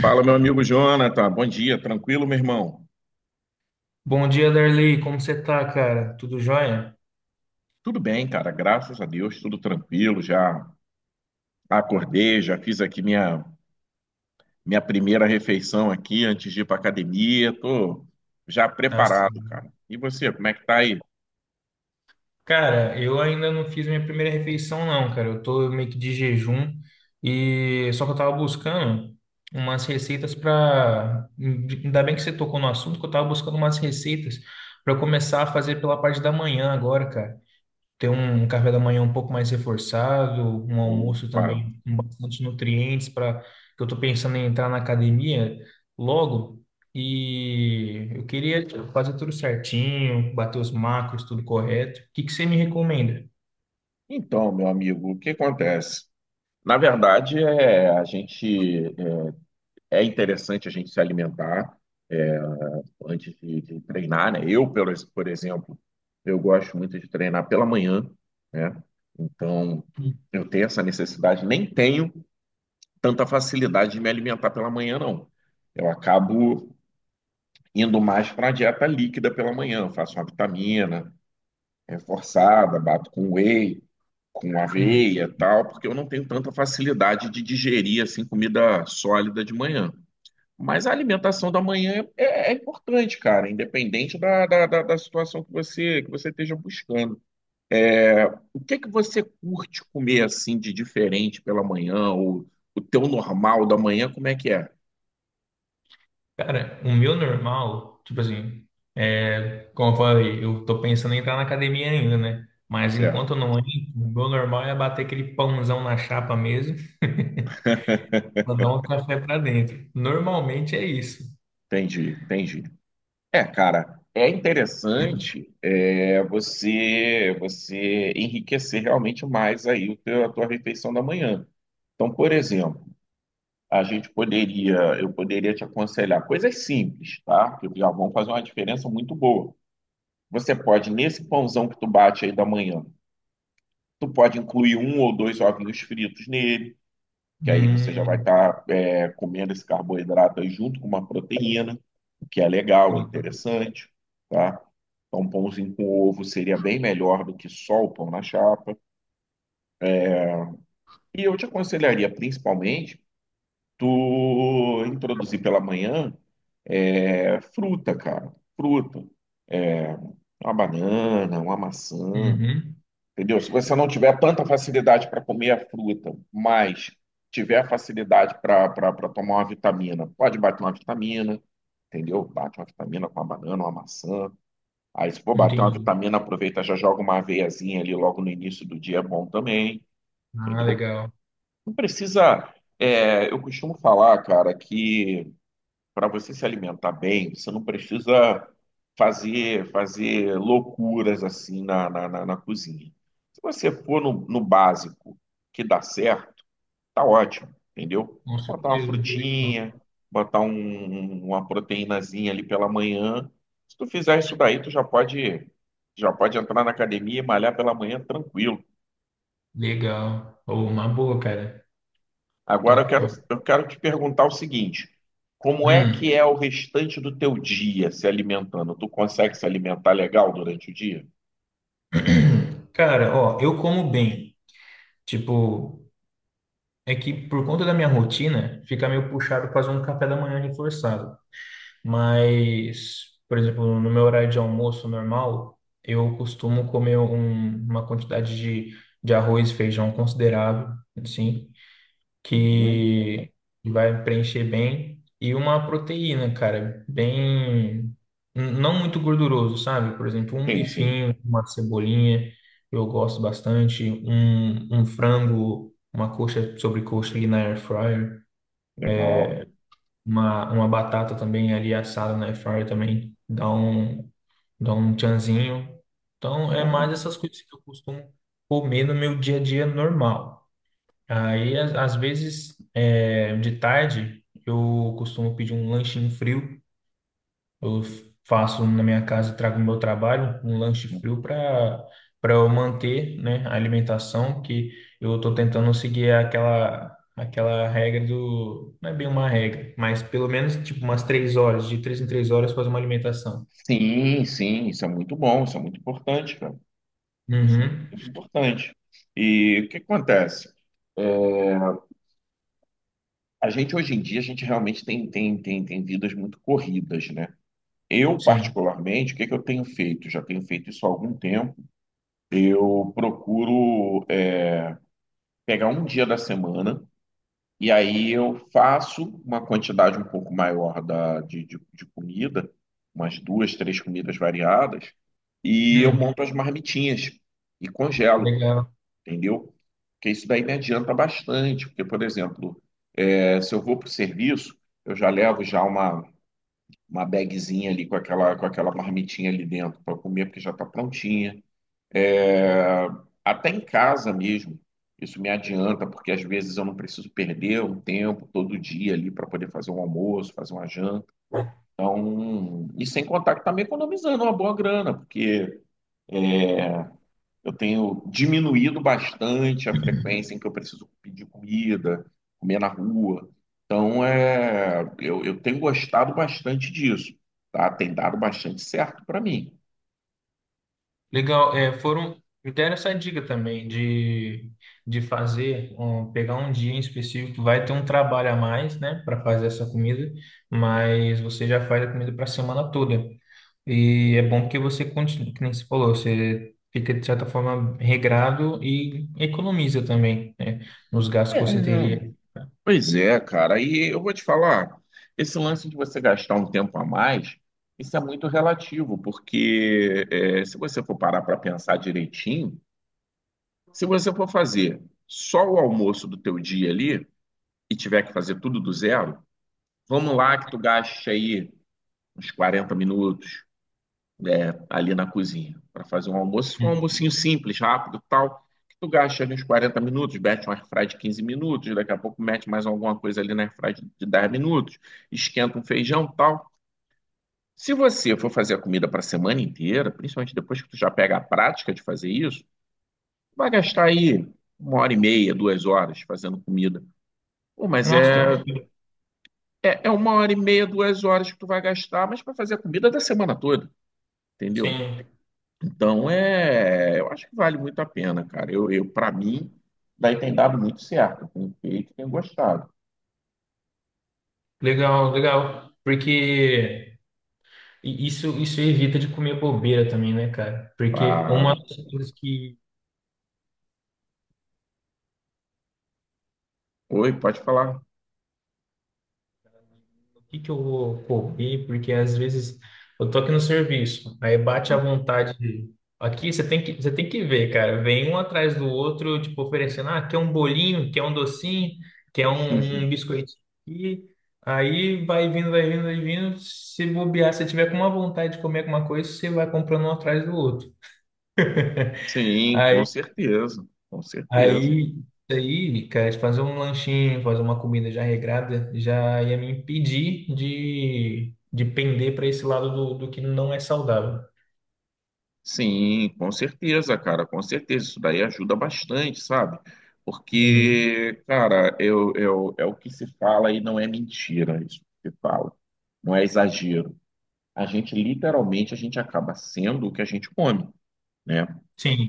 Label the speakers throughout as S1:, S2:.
S1: Fala, meu amigo Jonathan. Bom dia, tranquilo, meu irmão?
S2: Bom dia, Darley. Como você tá, cara? Tudo jóia?
S1: Tudo bem, cara, graças a Deus, tudo tranquilo. Já acordei, já fiz aqui minha primeira refeição aqui antes de ir para academia. Tô já
S2: Tá
S1: preparado,
S2: sim.
S1: cara. E você, como é que tá aí?
S2: Cara, eu ainda não fiz minha primeira refeição, não, cara. Eu tô meio que de jejum e só que eu tava buscando umas receitas pra. Ainda bem que você tocou no assunto, que eu tava buscando umas receitas pra eu começar a fazer pela parte da manhã agora, cara, ter um café da manhã um pouco mais reforçado, um almoço
S1: Opa.
S2: também com bastante nutrientes para que eu estou pensando em entrar na academia logo e eu queria fazer tudo certinho, bater os macros, tudo correto. O que que você me recomenda?
S1: Então, meu amigo, o que acontece? Na verdade, a gente é interessante a gente se alimentar. é, antes de treinar, né? Por exemplo, eu gosto muito de treinar pela manhã, né? Então, eu tenho essa necessidade, nem tenho tanta facilidade de me alimentar pela manhã, não. Eu acabo indo mais para a dieta líquida pela manhã. Eu faço uma vitamina reforçada, bato com whey, com
S2: Hum.
S1: aveia, e tal, porque eu não tenho tanta facilidade de digerir assim comida sólida de manhã. Mas a alimentação da manhã é importante, cara, independente da situação que você esteja buscando. O que que você curte comer assim de diferente pela manhã, ou o teu normal da manhã, como é que é?
S2: Cara, o meu normal, tipo assim, é, como eu falei, eu tô pensando em entrar na academia ainda, né? Mas
S1: Certo,
S2: enquanto eu não entro, o meu normal é bater aquele pãozão na chapa mesmo. Mandar um café para dentro. Normalmente é isso.
S1: entendi, entendi. É, cara, é interessante, você enriquecer realmente mais aí a tua refeição da manhã. Então, por exemplo, a gente poderia, eu poderia te aconselhar coisas simples, tá? Que já vão fazer uma diferença muito boa. Você pode, nesse pãozão que tu bate aí da manhã, tu pode incluir um ou dois ovinhos fritos nele, que aí você já vai
S2: Hum,
S1: estar comendo esse carboidrato aí junto com uma proteína, o que é legal, é interessante, tá? Então, um pãozinho com ovo seria bem melhor do que só o pão na chapa. E eu te aconselharia, principalmente, tu introduzir pela manhã, fruta, cara. Fruta. Uma banana, uma maçã,
S2: uhum,
S1: entendeu? Se você não tiver tanta facilidade para comer a fruta, mas tiver facilidade para tomar uma vitamina, pode bater uma vitamina, entendeu? Bate uma vitamina com uma banana, uma maçã. Aí, se for bater uma
S2: entendi.
S1: vitamina, aproveita, já joga uma aveiazinha ali logo no início do dia, é bom também,
S2: Ah,
S1: entendeu?
S2: legal.
S1: Não precisa. Eu costumo falar, cara, que para você se alimentar bem, você não precisa fazer loucuras assim na cozinha. Se você for no básico que dá certo, tá ótimo, entendeu?
S2: Com
S1: Botar uma
S2: certeza. Legal.
S1: frutinha, botar um- uma proteínazinha ali pela manhã. Se tu fizer isso daí, tu já pode entrar na academia e malhar pela manhã tranquilo.
S2: Legal. Oh, uma boa, cara.
S1: Agora eu
S2: Top,
S1: quero,
S2: top.
S1: eu quero te perguntar o seguinte: como é
S2: Hum.
S1: que é o restante do teu dia se alimentando? Tu consegue se alimentar legal durante o dia?
S2: Cara, ó, eu como bem. Tipo, é que por conta da minha rotina, fica meio puxado fazer um café da manhã reforçado. Mas, por exemplo, no meu horário de almoço normal, eu costumo comer uma quantidade de arroz e feijão considerável, assim,
S1: Uhum.
S2: que vai preencher bem. E uma proteína, cara, bem. Não muito gorduroso, sabe? Por exemplo, um
S1: Sim, sim.
S2: bifinho, uma cebolinha, eu gosto bastante. Um frango, uma coxa sobre coxa ali na air fryer.
S1: Legal.
S2: Uma batata também ali assada na air fryer também dá um tchanzinho. Então, é mais
S1: Uhum.
S2: essas coisas que eu costumo comer no meu dia a dia normal. Aí, às vezes, é, de tarde, eu costumo pedir um lanchinho frio. Eu faço na minha casa, trago o meu trabalho, um lanche frio para eu manter, né, a alimentação que eu estou tentando seguir aquela regra do, não é bem uma regra, mas pelo menos tipo umas 3 horas, de 3 em 3 horas fazer uma alimentação.
S1: Sim, sim, isso é muito bom, isso é muito importante, cara. Isso é
S2: Uhum,
S1: muito importante. E o que acontece? A gente hoje em dia, a gente realmente tem vidas muito corridas, né? Eu,
S2: sim.
S1: particularmente, o que é que eu tenho feito? Já tenho feito isso há algum tempo. Eu procuro pegar um dia da semana e aí eu faço uma quantidade um pouco maior de comida, umas duas, três comidas variadas, e eu
S2: Hum,
S1: monto as marmitinhas e congelo,
S2: legal.
S1: entendeu? Porque isso daí me adianta bastante, porque, por exemplo, eh, se eu vou para o serviço, eu já levo já uma bagzinha ali com aquela marmitinha ali dentro para comer, porque já está prontinha. É, até em casa mesmo, isso me adianta, porque às vezes eu não preciso perder um tempo todo dia ali para poder fazer um almoço, fazer uma janta. Então, e sem contar que está me economizando uma boa grana, porque eu tenho diminuído bastante a frequência em que eu preciso pedir comida, comer na rua. Então, eu tenho gostado bastante disso, tá? Tem dado bastante certo para mim.
S2: Legal, é, foram, eu deram essa dica também de, fazer, pegar um dia em específico, vai ter um trabalho a mais, né, para fazer essa comida, mas você já faz a comida para a semana toda. E é bom que você continue, que nem você falou, você fica de certa forma regrado e economiza também, né, nos gastos que
S1: É,
S2: você teria.
S1: Pois é, cara. E eu vou te falar, esse lance de você gastar um tempo a mais, isso é muito relativo, porque se você for parar para pensar direitinho, se você for fazer só o almoço do teu dia ali e tiver que fazer tudo do zero, vamos lá que tu gaste aí uns 40 minutos, ali na cozinha para fazer um almoço, um
S2: Hum.
S1: almocinho simples, rápido, tal, que tu gasta ali uns 40 minutos, mete um airfry de 15 minutos, daqui a pouco mete mais alguma coisa ali na airfry de 10 minutos, esquenta um feijão, tal. Se você for fazer a comida para a semana inteira, principalmente depois que tu já pega a prática de fazer isso, vai gastar aí uma hora e meia, 2 horas fazendo comida. Pô, mas
S2: Nossa,
S1: é, é, é uma hora e meia, 2 horas que tu vai gastar, mas para fazer a comida da semana toda, entendeu?
S2: sim,
S1: Então, é, eu acho que vale muito a pena, cara. Eu para mim, daí tem dado muito certo. Eu tenho feito, e tenho gostado.
S2: legal, legal, porque. E isso evita de comer bobeira também, né, cara? Porque uma
S1: Claro.
S2: das coisas que.
S1: Oi, pode falar.
S2: O que que eu vou comer? Porque às vezes eu tô aqui no serviço, aí bate a vontade. Aqui você tem que ver, cara. Vem um atrás do outro, tipo, oferecendo: ah, quer um bolinho, quer um docinho, quer um biscoitinho aqui. Aí vai vindo, vai vindo, vai vindo. Se bobear, se tiver com uma vontade de comer alguma coisa, você vai comprando um atrás do outro.
S1: Sim, com certeza, com certeza.
S2: Aí, aí, cara, de fazer um lanchinho, fazer uma comida já regrada, já ia me impedir de, pender para esse lado do que não é saudável.
S1: Sim, com certeza, cara, com certeza. Isso daí ajuda bastante, sabe?
S2: Uhum.
S1: Porque, cara, é o que se fala e não é mentira isso que se fala. Não é exagero. A gente, literalmente, a gente acaba sendo o que a gente come, né?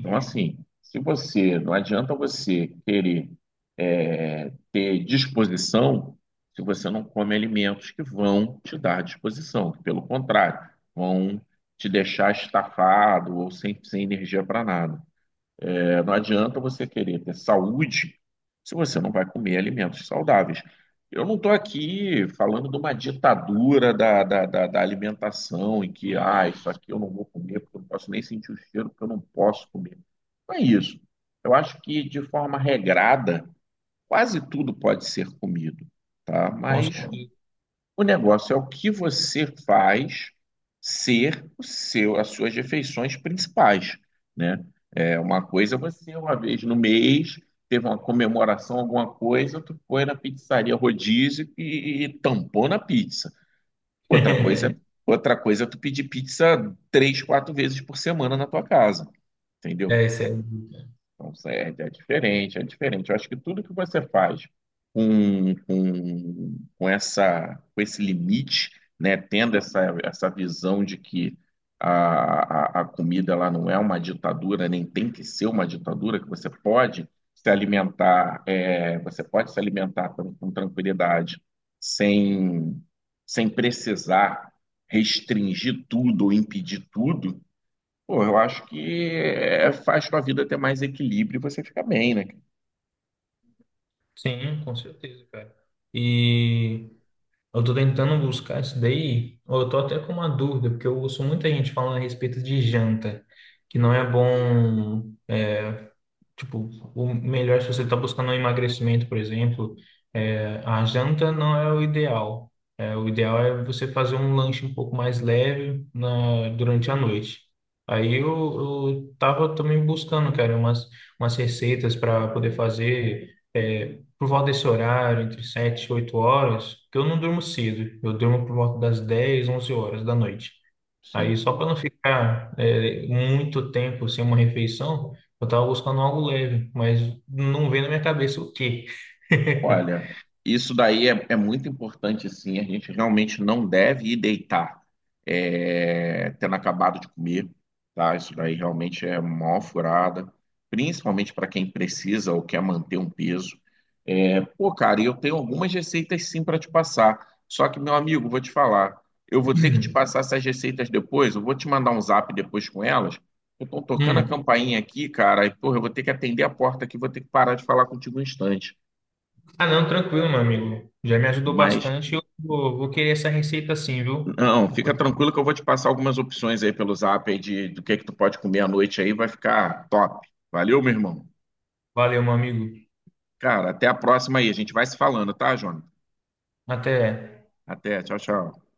S1: Então, assim, se você, não adianta você querer, ter disposição se você não come alimentos que vão te dar disposição, que, pelo contrário, vão te deixar estafado ou sem energia para nada. Não adianta você querer ter saúde se você não vai comer alimentos saudáveis. Eu não estou aqui falando de uma ditadura da alimentação, em que, ah, isso aqui eu não vou comer, porque eu não posso nem sentir o cheiro, porque eu não posso comer. Não é isso. Eu acho que, de forma regrada, quase tudo pode ser comido, tá?
S2: com
S1: Mas
S2: certeza.
S1: o negócio é o que você faz ser o seu, as suas refeições principais, né? É uma coisa você, uma vez no mês, teve uma comemoração, alguma coisa, tu foi na pizzaria rodízio e tampou na pizza. Outra coisa, outra coisa é tu pedir pizza três, quatro vezes por semana na tua casa, entendeu?
S2: É, isso aí.
S1: Não serve, é diferente, é diferente. Eu acho que tudo que você faz com essa, com esse limite, né, tendo essa visão de que a comida ela não é uma ditadura, nem tem que ser uma ditadura, que você pode se alimentar, você pode se alimentar com tranquilidade, sem, sem precisar restringir tudo ou impedir tudo. Pô, eu acho que é, faz sua vida ter mais equilíbrio e você fica bem, né, cara?
S2: Sim, com certeza, cara. E eu tô tentando buscar isso daí. Eu tô até com uma dúvida, porque eu ouço muita gente falando a respeito de janta, que não é bom. Tipo, o melhor, se você está buscando um emagrecimento, por exemplo, é, a janta não é o ideal. É, o ideal é você fazer um lanche um pouco mais leve durante a noite. Aí eu tava também buscando, cara, umas receitas para poder fazer por volta desse horário, entre 7 e 8 horas, porque eu não durmo cedo. Eu durmo por volta das 10, 11 horas da noite. Aí,
S1: Sim.
S2: só para não ficar muito tempo sem uma refeição, eu estava buscando algo leve, mas não veio na minha cabeça o quê.
S1: Olha, isso daí é muito importante, sim. A gente realmente não deve ir deitar, tendo acabado de comer, tá? Isso daí realmente é mó furada, principalmente para quem precisa ou quer manter um peso. É, pô, cara, e eu tenho algumas receitas sim para te passar. Só que, meu amigo, vou te falar, eu vou ter que te passar essas receitas depois. Eu vou te mandar um zap depois com elas. Eu estou tocando a
S2: Hum.
S1: campainha aqui, cara, e, porra, eu vou ter que atender a porta aqui, vou ter que parar de falar contigo um instante.
S2: Ah, não, tranquilo, meu amigo. Já me ajudou
S1: Mas
S2: bastante. Eu vou querer essa receita sim, viu?
S1: Não, fica tranquilo que eu vou te passar algumas opções aí pelo Zap aí de do que tu pode comer à noite aí, vai ficar top. Valeu, meu irmão.
S2: Valeu, meu amigo.
S1: Cara, até a próxima aí, a gente vai se falando, tá, Jônio?
S2: Até.
S1: Até, tchau, tchau.